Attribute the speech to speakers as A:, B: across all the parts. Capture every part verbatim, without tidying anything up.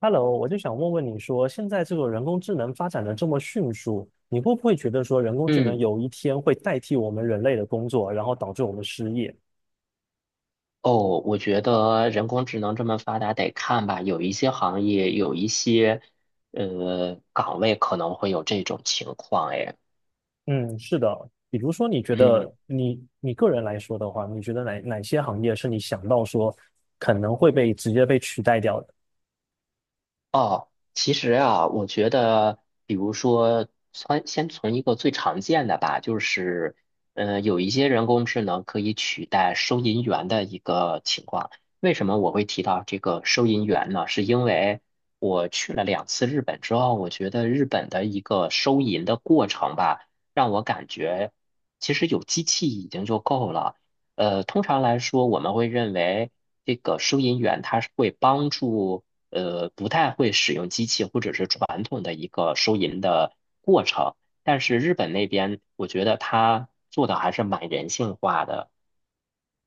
A: Hello，我就想问问你说，现在这个人工智能发展的这么迅速，你会不会觉得说人工智能
B: 嗯，
A: 有一天会代替我们人类的工作，然后导致我们失业？
B: 哦，我觉得人工智能这么发达，得看吧。有一些行业，有一些呃岗位可能会有这种情况。哎，
A: 嗯，是的。比如说，你觉得你你个人来说的话，你觉得哪哪些行业是你想到说可能会被直接被取代掉的？
B: 哦，其实啊，我觉得，比如说，存先从一个最常见的吧，就是，呃，有一些人工智能可以取代收银员的一个情况。为什么我会提到这个收银员呢？是因为我去了两次日本之后，我觉得日本的一个收银的过程吧，让我感觉其实有机器已经就够了。呃，通常来说，我们会认为这个收银员他是会帮助。呃，不太会使用机器或者是传统的一个收银的过程。但是日本那边，我觉得他做的还是蛮人性化的。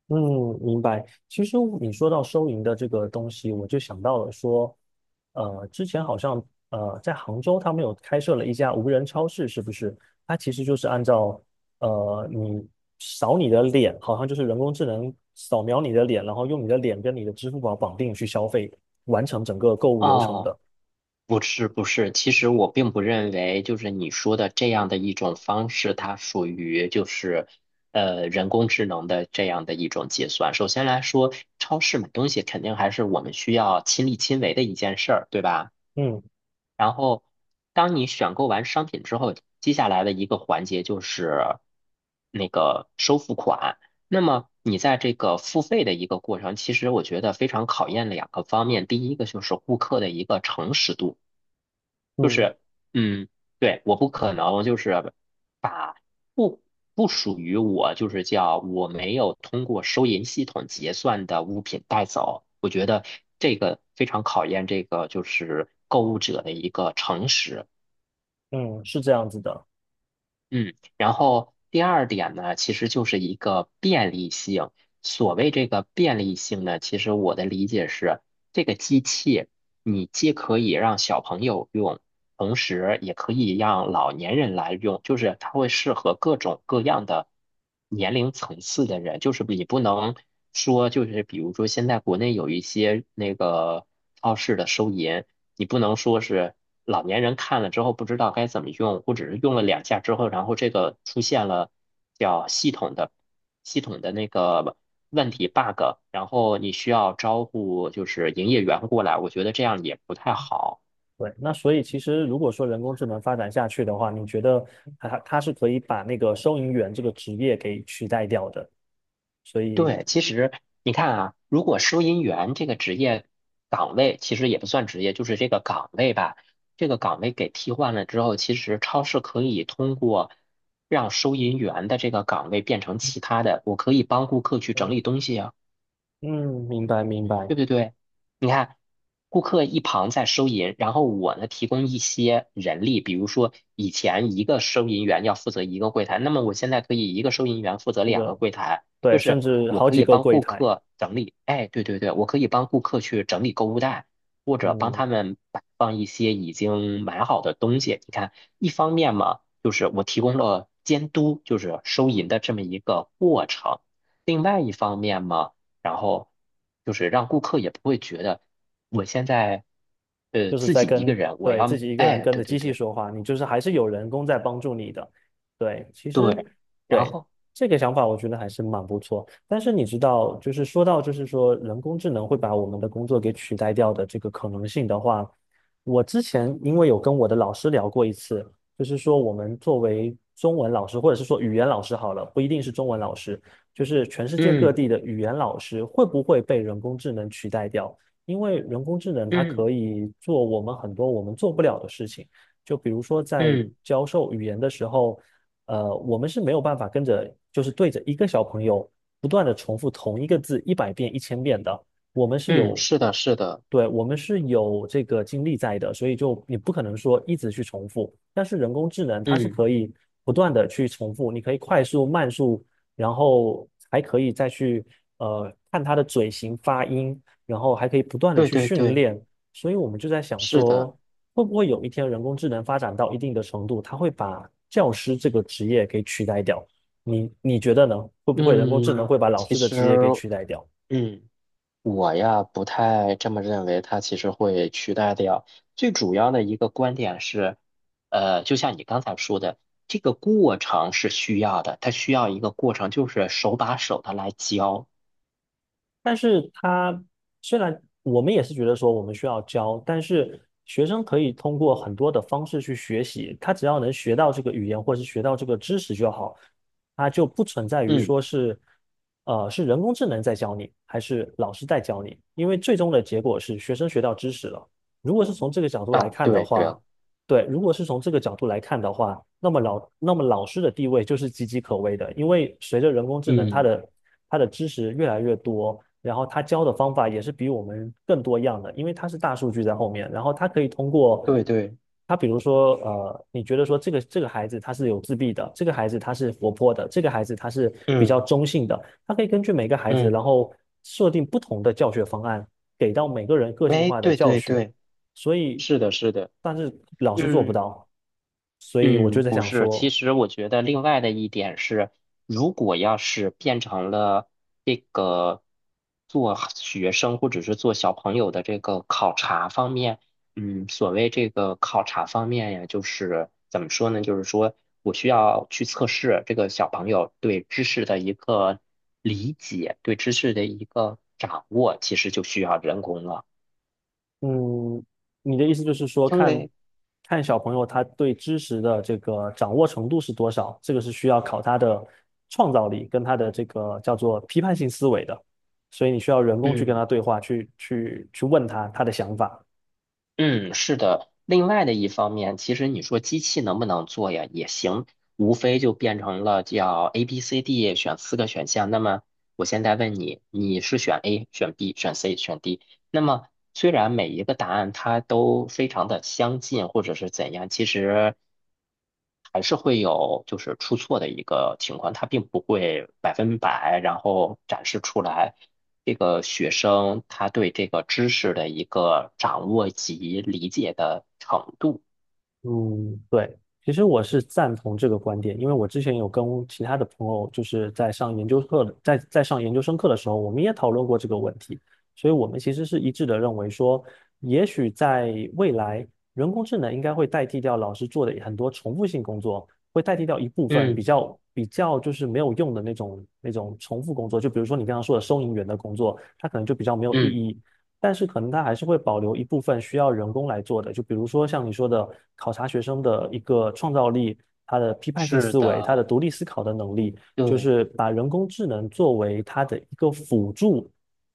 A: 嗯，明白。其实你说到收银的这个东西，我就想到了说，呃，之前好像呃在杭州他们有开设了一家无人超市，是不是？它其实就是按照呃你扫你的脸，好像就是人工智能扫描你的脸，然后用你的脸跟你的支付宝绑定去消费，完成整个购物流程
B: 哦，
A: 的。
B: 不是不是，其实我并不认为就是你说的这样的一种方式，它属于就是呃人工智能的这样的一种结算。首先来说，超市买东西肯定还是我们需要亲力亲为的一件事儿，对吧？
A: 嗯
B: 然后，当你选购完商品之后，接下来的一个环节就是那个收付款。那么你在这个付费的一个过程，其实我觉得非常考验两个方面。第一个就是顾客的一个诚实度。就
A: 嗯
B: 是，嗯，对，我不可能就是把不不属于我，就是叫我没有通过收银系统结算的物品带走。我觉得这个非常考验这个就是购物者的一个诚实。
A: 嗯，是这样子的。
B: 嗯，然后第二点呢，其实就是一个便利性。所谓这个便利性呢，其实我的理解是，这个机器你既可以让小朋友用，同时也可以让老年人来用，就是它会适合各种各样的年龄层次的人。就是你不能说，就是比如说现在国内有一些那个超市的收银，你不能说是老年人看了之后不知道该怎么用，或者是用了两下之后，然后这个出现了叫系统的系统的那个问题 bug,然后你需要招呼就是营业员过来，我觉得这样也不太好。
A: 对，那所以其实如果说人工智能发展下去的话，你觉得它它是可以把那个收银员这个职业给取代掉的？所以，
B: 对，其实你看啊，如果收银员这个职业岗位，其实也不算职业，就是这个岗位吧。这个岗位给替换了之后，其实超市可以通过让收银员的这个岗位变成其他的，我可以帮顾客去整理东西啊。
A: 嗯，明白明白，
B: 对对对，你看，顾客一旁在收银，然后我呢提供一些人力，比如说以前一个收银员要负责一个柜台，那么我现在可以一个收银员负责
A: 这
B: 两个
A: 个
B: 柜台，就
A: 对，甚
B: 是
A: 至
B: 我
A: 好
B: 可
A: 几
B: 以
A: 个
B: 帮
A: 柜
B: 顾
A: 台，
B: 客整理，哎，对对对，我可以帮顾客去整理购物袋，或者帮
A: 嗯。
B: 他们摆放一些已经买好的东西。你看，一方面嘛，就是我提供了监督，就是收银的这么一个过程。另外一方面嘛，然后就是让顾客也不会觉得我现在呃
A: 就是
B: 自
A: 在
B: 己一个
A: 跟，
B: 人，我
A: 对，自
B: 要
A: 己一个人
B: 哎，
A: 跟
B: 对
A: 着机
B: 对
A: 器
B: 对
A: 说话，你就是还是有人工在帮助你的。对，其实
B: 对，然
A: 对
B: 后
A: 这个想法，我觉得还是蛮不错。但是你知道，就是说到就是说人工智能会把我们的工作给取代掉的这个可能性的话，我之前因为有跟我的老师聊过一次，就是说我们作为中文老师，或者是说语言老师好了，不一定是中文老师，就是全世界各
B: 嗯
A: 地的语言老师会不会被人工智能取代掉？因为人工智能它
B: 嗯
A: 可以做我们很多我们做不了的事情，就比如说在
B: 嗯
A: 教授语言的时候，呃，我们是没有办法跟着就是对着一个小朋友不断的重复同一个字一百遍、一千遍的，我们是
B: 嗯，
A: 有，
B: 是的，是的，
A: 对，我们是有这个精力在的，所以就你不可能说一直去重复，但是人工智能它是
B: 嗯，
A: 可以不断的去重复，你可以快速、慢速，然后还可以再去。呃，看它的嘴型、发音，然后还可以不断的
B: 对
A: 去
B: 对
A: 训
B: 对，
A: 练。所以我们就在想
B: 是的，
A: 说，会不会有一天人工智能发展到一定的程度，它会把教师这个职业给取代掉？你你觉得呢？会不会人工智能
B: 嗯，
A: 会把老
B: 其
A: 师的
B: 实
A: 职业给取代掉？
B: 嗯。我呀，不太这么认为，它其实会取代掉。最主要的一个观点是，呃，就像你刚才说的，这个过程是需要的，它需要一个过程，就是手把手的来教。
A: 但是他虽然我们也是觉得说我们需要教，但是学生可以通过很多的方式去学习，他只要能学到这个语言或是学到这个知识就好，他就不存在于
B: 嗯，
A: 说是，呃，是人工智能在教你，还是老师在教你，因为最终的结果是学生学到知识了。如果是从这个角度来
B: 啊，
A: 看的
B: 对对，
A: 话，对，如果是从这个角度来看的话，那么老那么老师的地位就是岌岌可危的，因为随着人工智能，它
B: 嗯，
A: 的它的知识越来越多，然后它教的方法也是比我们更多样的，因为它是大数据在后面，然后它可以通过
B: 对对，
A: 它，比如说呃，你觉得说这个这个孩子他是有自闭的，这个孩子他是活泼的，这个孩子他是比
B: 嗯
A: 较中性的，它可以根据每个孩子，
B: 嗯，
A: 然后设定不同的教学方案，给到每个人个性
B: 哎，
A: 化的
B: 对
A: 教
B: 对
A: 学。
B: 对，
A: 所以，
B: 是的，是的，
A: 但是老师做不
B: 嗯。
A: 到，所以我就
B: 嗯，
A: 在
B: 不
A: 想
B: 是。其
A: 说，
B: 实我觉得另外的一点是，如果要是变成了这个做学生或者是做小朋友的这个考察方面，嗯，所谓这个考察方面呀，就是怎么说呢？就是说我需要去测试这个小朋友对知识的一个理解，对知识的一个掌握，其实就需要人工了，
A: 嗯，你的意思就是说，
B: 因
A: 看
B: 为。
A: 看小朋友他对知识的这个掌握程度是多少，这个是需要考他的创造力跟他的这个叫做批判性思维的，所以你需要人工去跟他
B: 嗯，
A: 对话，去去去问他他的想法。
B: 嗯，是的。另外的一方面，其实你说机器能不能做呀？也行，无非就变成了叫 A、B、C、D 选四个选项。那么我现在问你，你是选 A、选 B、选 C、选 D?那么，虽然每一个答案它都非常的相近，或者是怎样，其实还是会有就是出错的一个情况，它并不会百分百，然后展示出来这个学生他对这个知识的一个掌握及理解的程度。
A: 嗯，对，其实我是赞同这个观点，因为我之前有跟其他的朋友，就是在上研究课的，在在上研究生课的时候，我们也讨论过这个问题，所以我们其实是一致的认为说，也许在未来，人工智能应该会代替掉老师做的很多重复性工作，会代替掉一部分比
B: 嗯
A: 较比较就是没有用的那种那种重复工作，就比如说你刚刚说的收银员的工作，它可能就比较没有意
B: 嗯，
A: 义，但是可能它还是会保留一部分需要人工来做的，就比如说像你说的，考察学生的一个创造力、他的批判性
B: 是
A: 思维、他的
B: 的，
A: 独立思考的能力，就
B: 对
A: 是把人工智能作为他的一个辅助，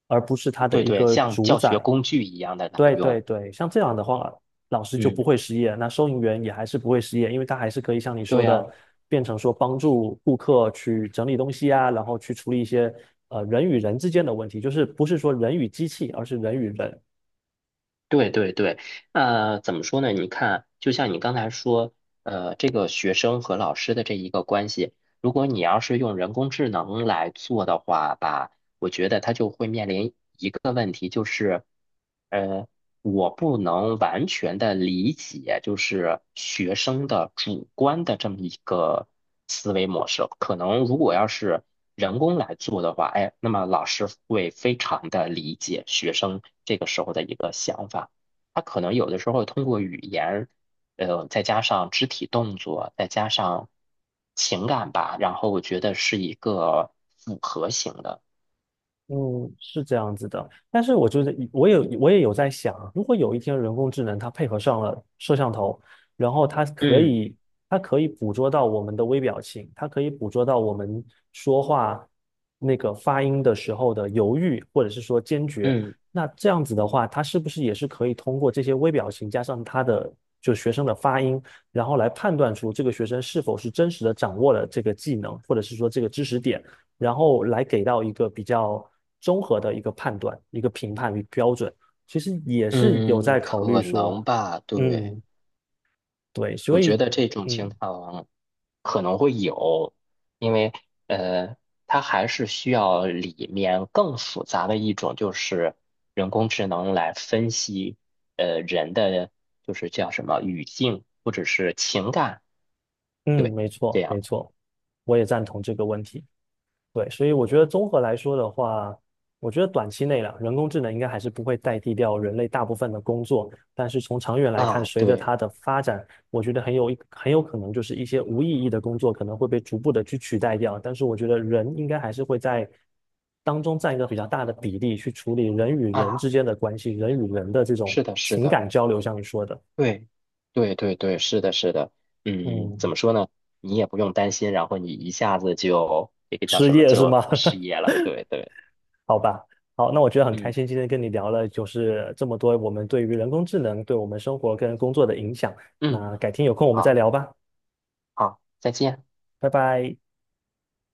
A: 而不是他的
B: 对
A: 一
B: 对，
A: 个
B: 像
A: 主
B: 教学
A: 宰。
B: 工具一样的来
A: 对对
B: 用。
A: 对，像这样的话，老师就不
B: 嗯，
A: 会失业，那收银员也还是不会失业，因为他还是可以像你
B: 对
A: 说的，
B: 呀。
A: 变成说帮助顾客去整理东西啊，然后去处理一些呃人与人之间的问题，就是不是说人与机器，而是人与人。
B: 对对对，呃，怎么说呢？你看，就像你刚才说，呃，这个学生和老师的这一个关系，如果你要是用人工智能来做的话吧，我觉得它就会面临一个问题，就是。呃。我不能完全的理解，就是学生的主观的这么一个思维模式。可能如果要是人工来做的话，哎，那么老师会非常的理解学生这个时候的一个想法。他可能有的时候通过语言，呃，再加上肢体动作，再加上情感吧，然后我觉得是一个复合型的。
A: 嗯，是这样子的，但是我觉得我有我也有在想啊，如果有一天人工智能它配合上了摄像头，然后它可
B: 嗯
A: 以它可以捕捉到我们的微表情，它可以捕捉到我们说话那个发音的时候的犹豫或者是说坚决，
B: 嗯
A: 那这样子的话，它是不是也是可以通过这些微表情加上它的就学生的发音，然后来判断出这个学生是否是真实的掌握了这个技能或者是说这个知识点？然后来给到一个比较综合的一个判断、一个评判与标准，其实也是有
B: 嗯，
A: 在考虑
B: 可
A: 说，
B: 能吧，对。
A: 嗯，对，所
B: 我觉
A: 以，
B: 得这种情
A: 嗯
B: 况可能会有，因为呃，它还是需要里面更复杂的一种，就是人工智能来分析呃人的就是叫什么语境或者是情感，
A: 嗯，
B: 对，
A: 没
B: 这
A: 错
B: 样
A: 没
B: 的
A: 错，我也赞同这个问题。对，所以我觉得综合来说的话，我觉得短期内了，人工智能应该还是不会代替掉人类大部分的工作，但是从长远来看，
B: 啊，
A: 随着
B: 对
A: 它的发展，我觉得很有一很有可能就是一些无意义的工作可能会被逐步的去取代掉，但是我觉得人应该还是会在当中占一个比较大的比例去处理人与人
B: 啊，
A: 之间的关系，人与人的这种
B: 是的，是
A: 情
B: 的，
A: 感交流，像你说的，
B: 对，对对对，是的，是的，嗯，怎
A: 嗯，
B: 么说呢？你也不用担心，然后你一下子就这个叫
A: 失
B: 什么
A: 业是
B: 就
A: 吗？
B: 失 业了，对对，
A: 好吧，好，那我觉得很开
B: 嗯
A: 心，今天跟你聊了就是这么多我们对于人工智能对我们生活跟工作的影响。
B: 嗯。
A: 那改天有空我们再
B: 好。
A: 聊吧，
B: 好，再见。
A: 拜拜。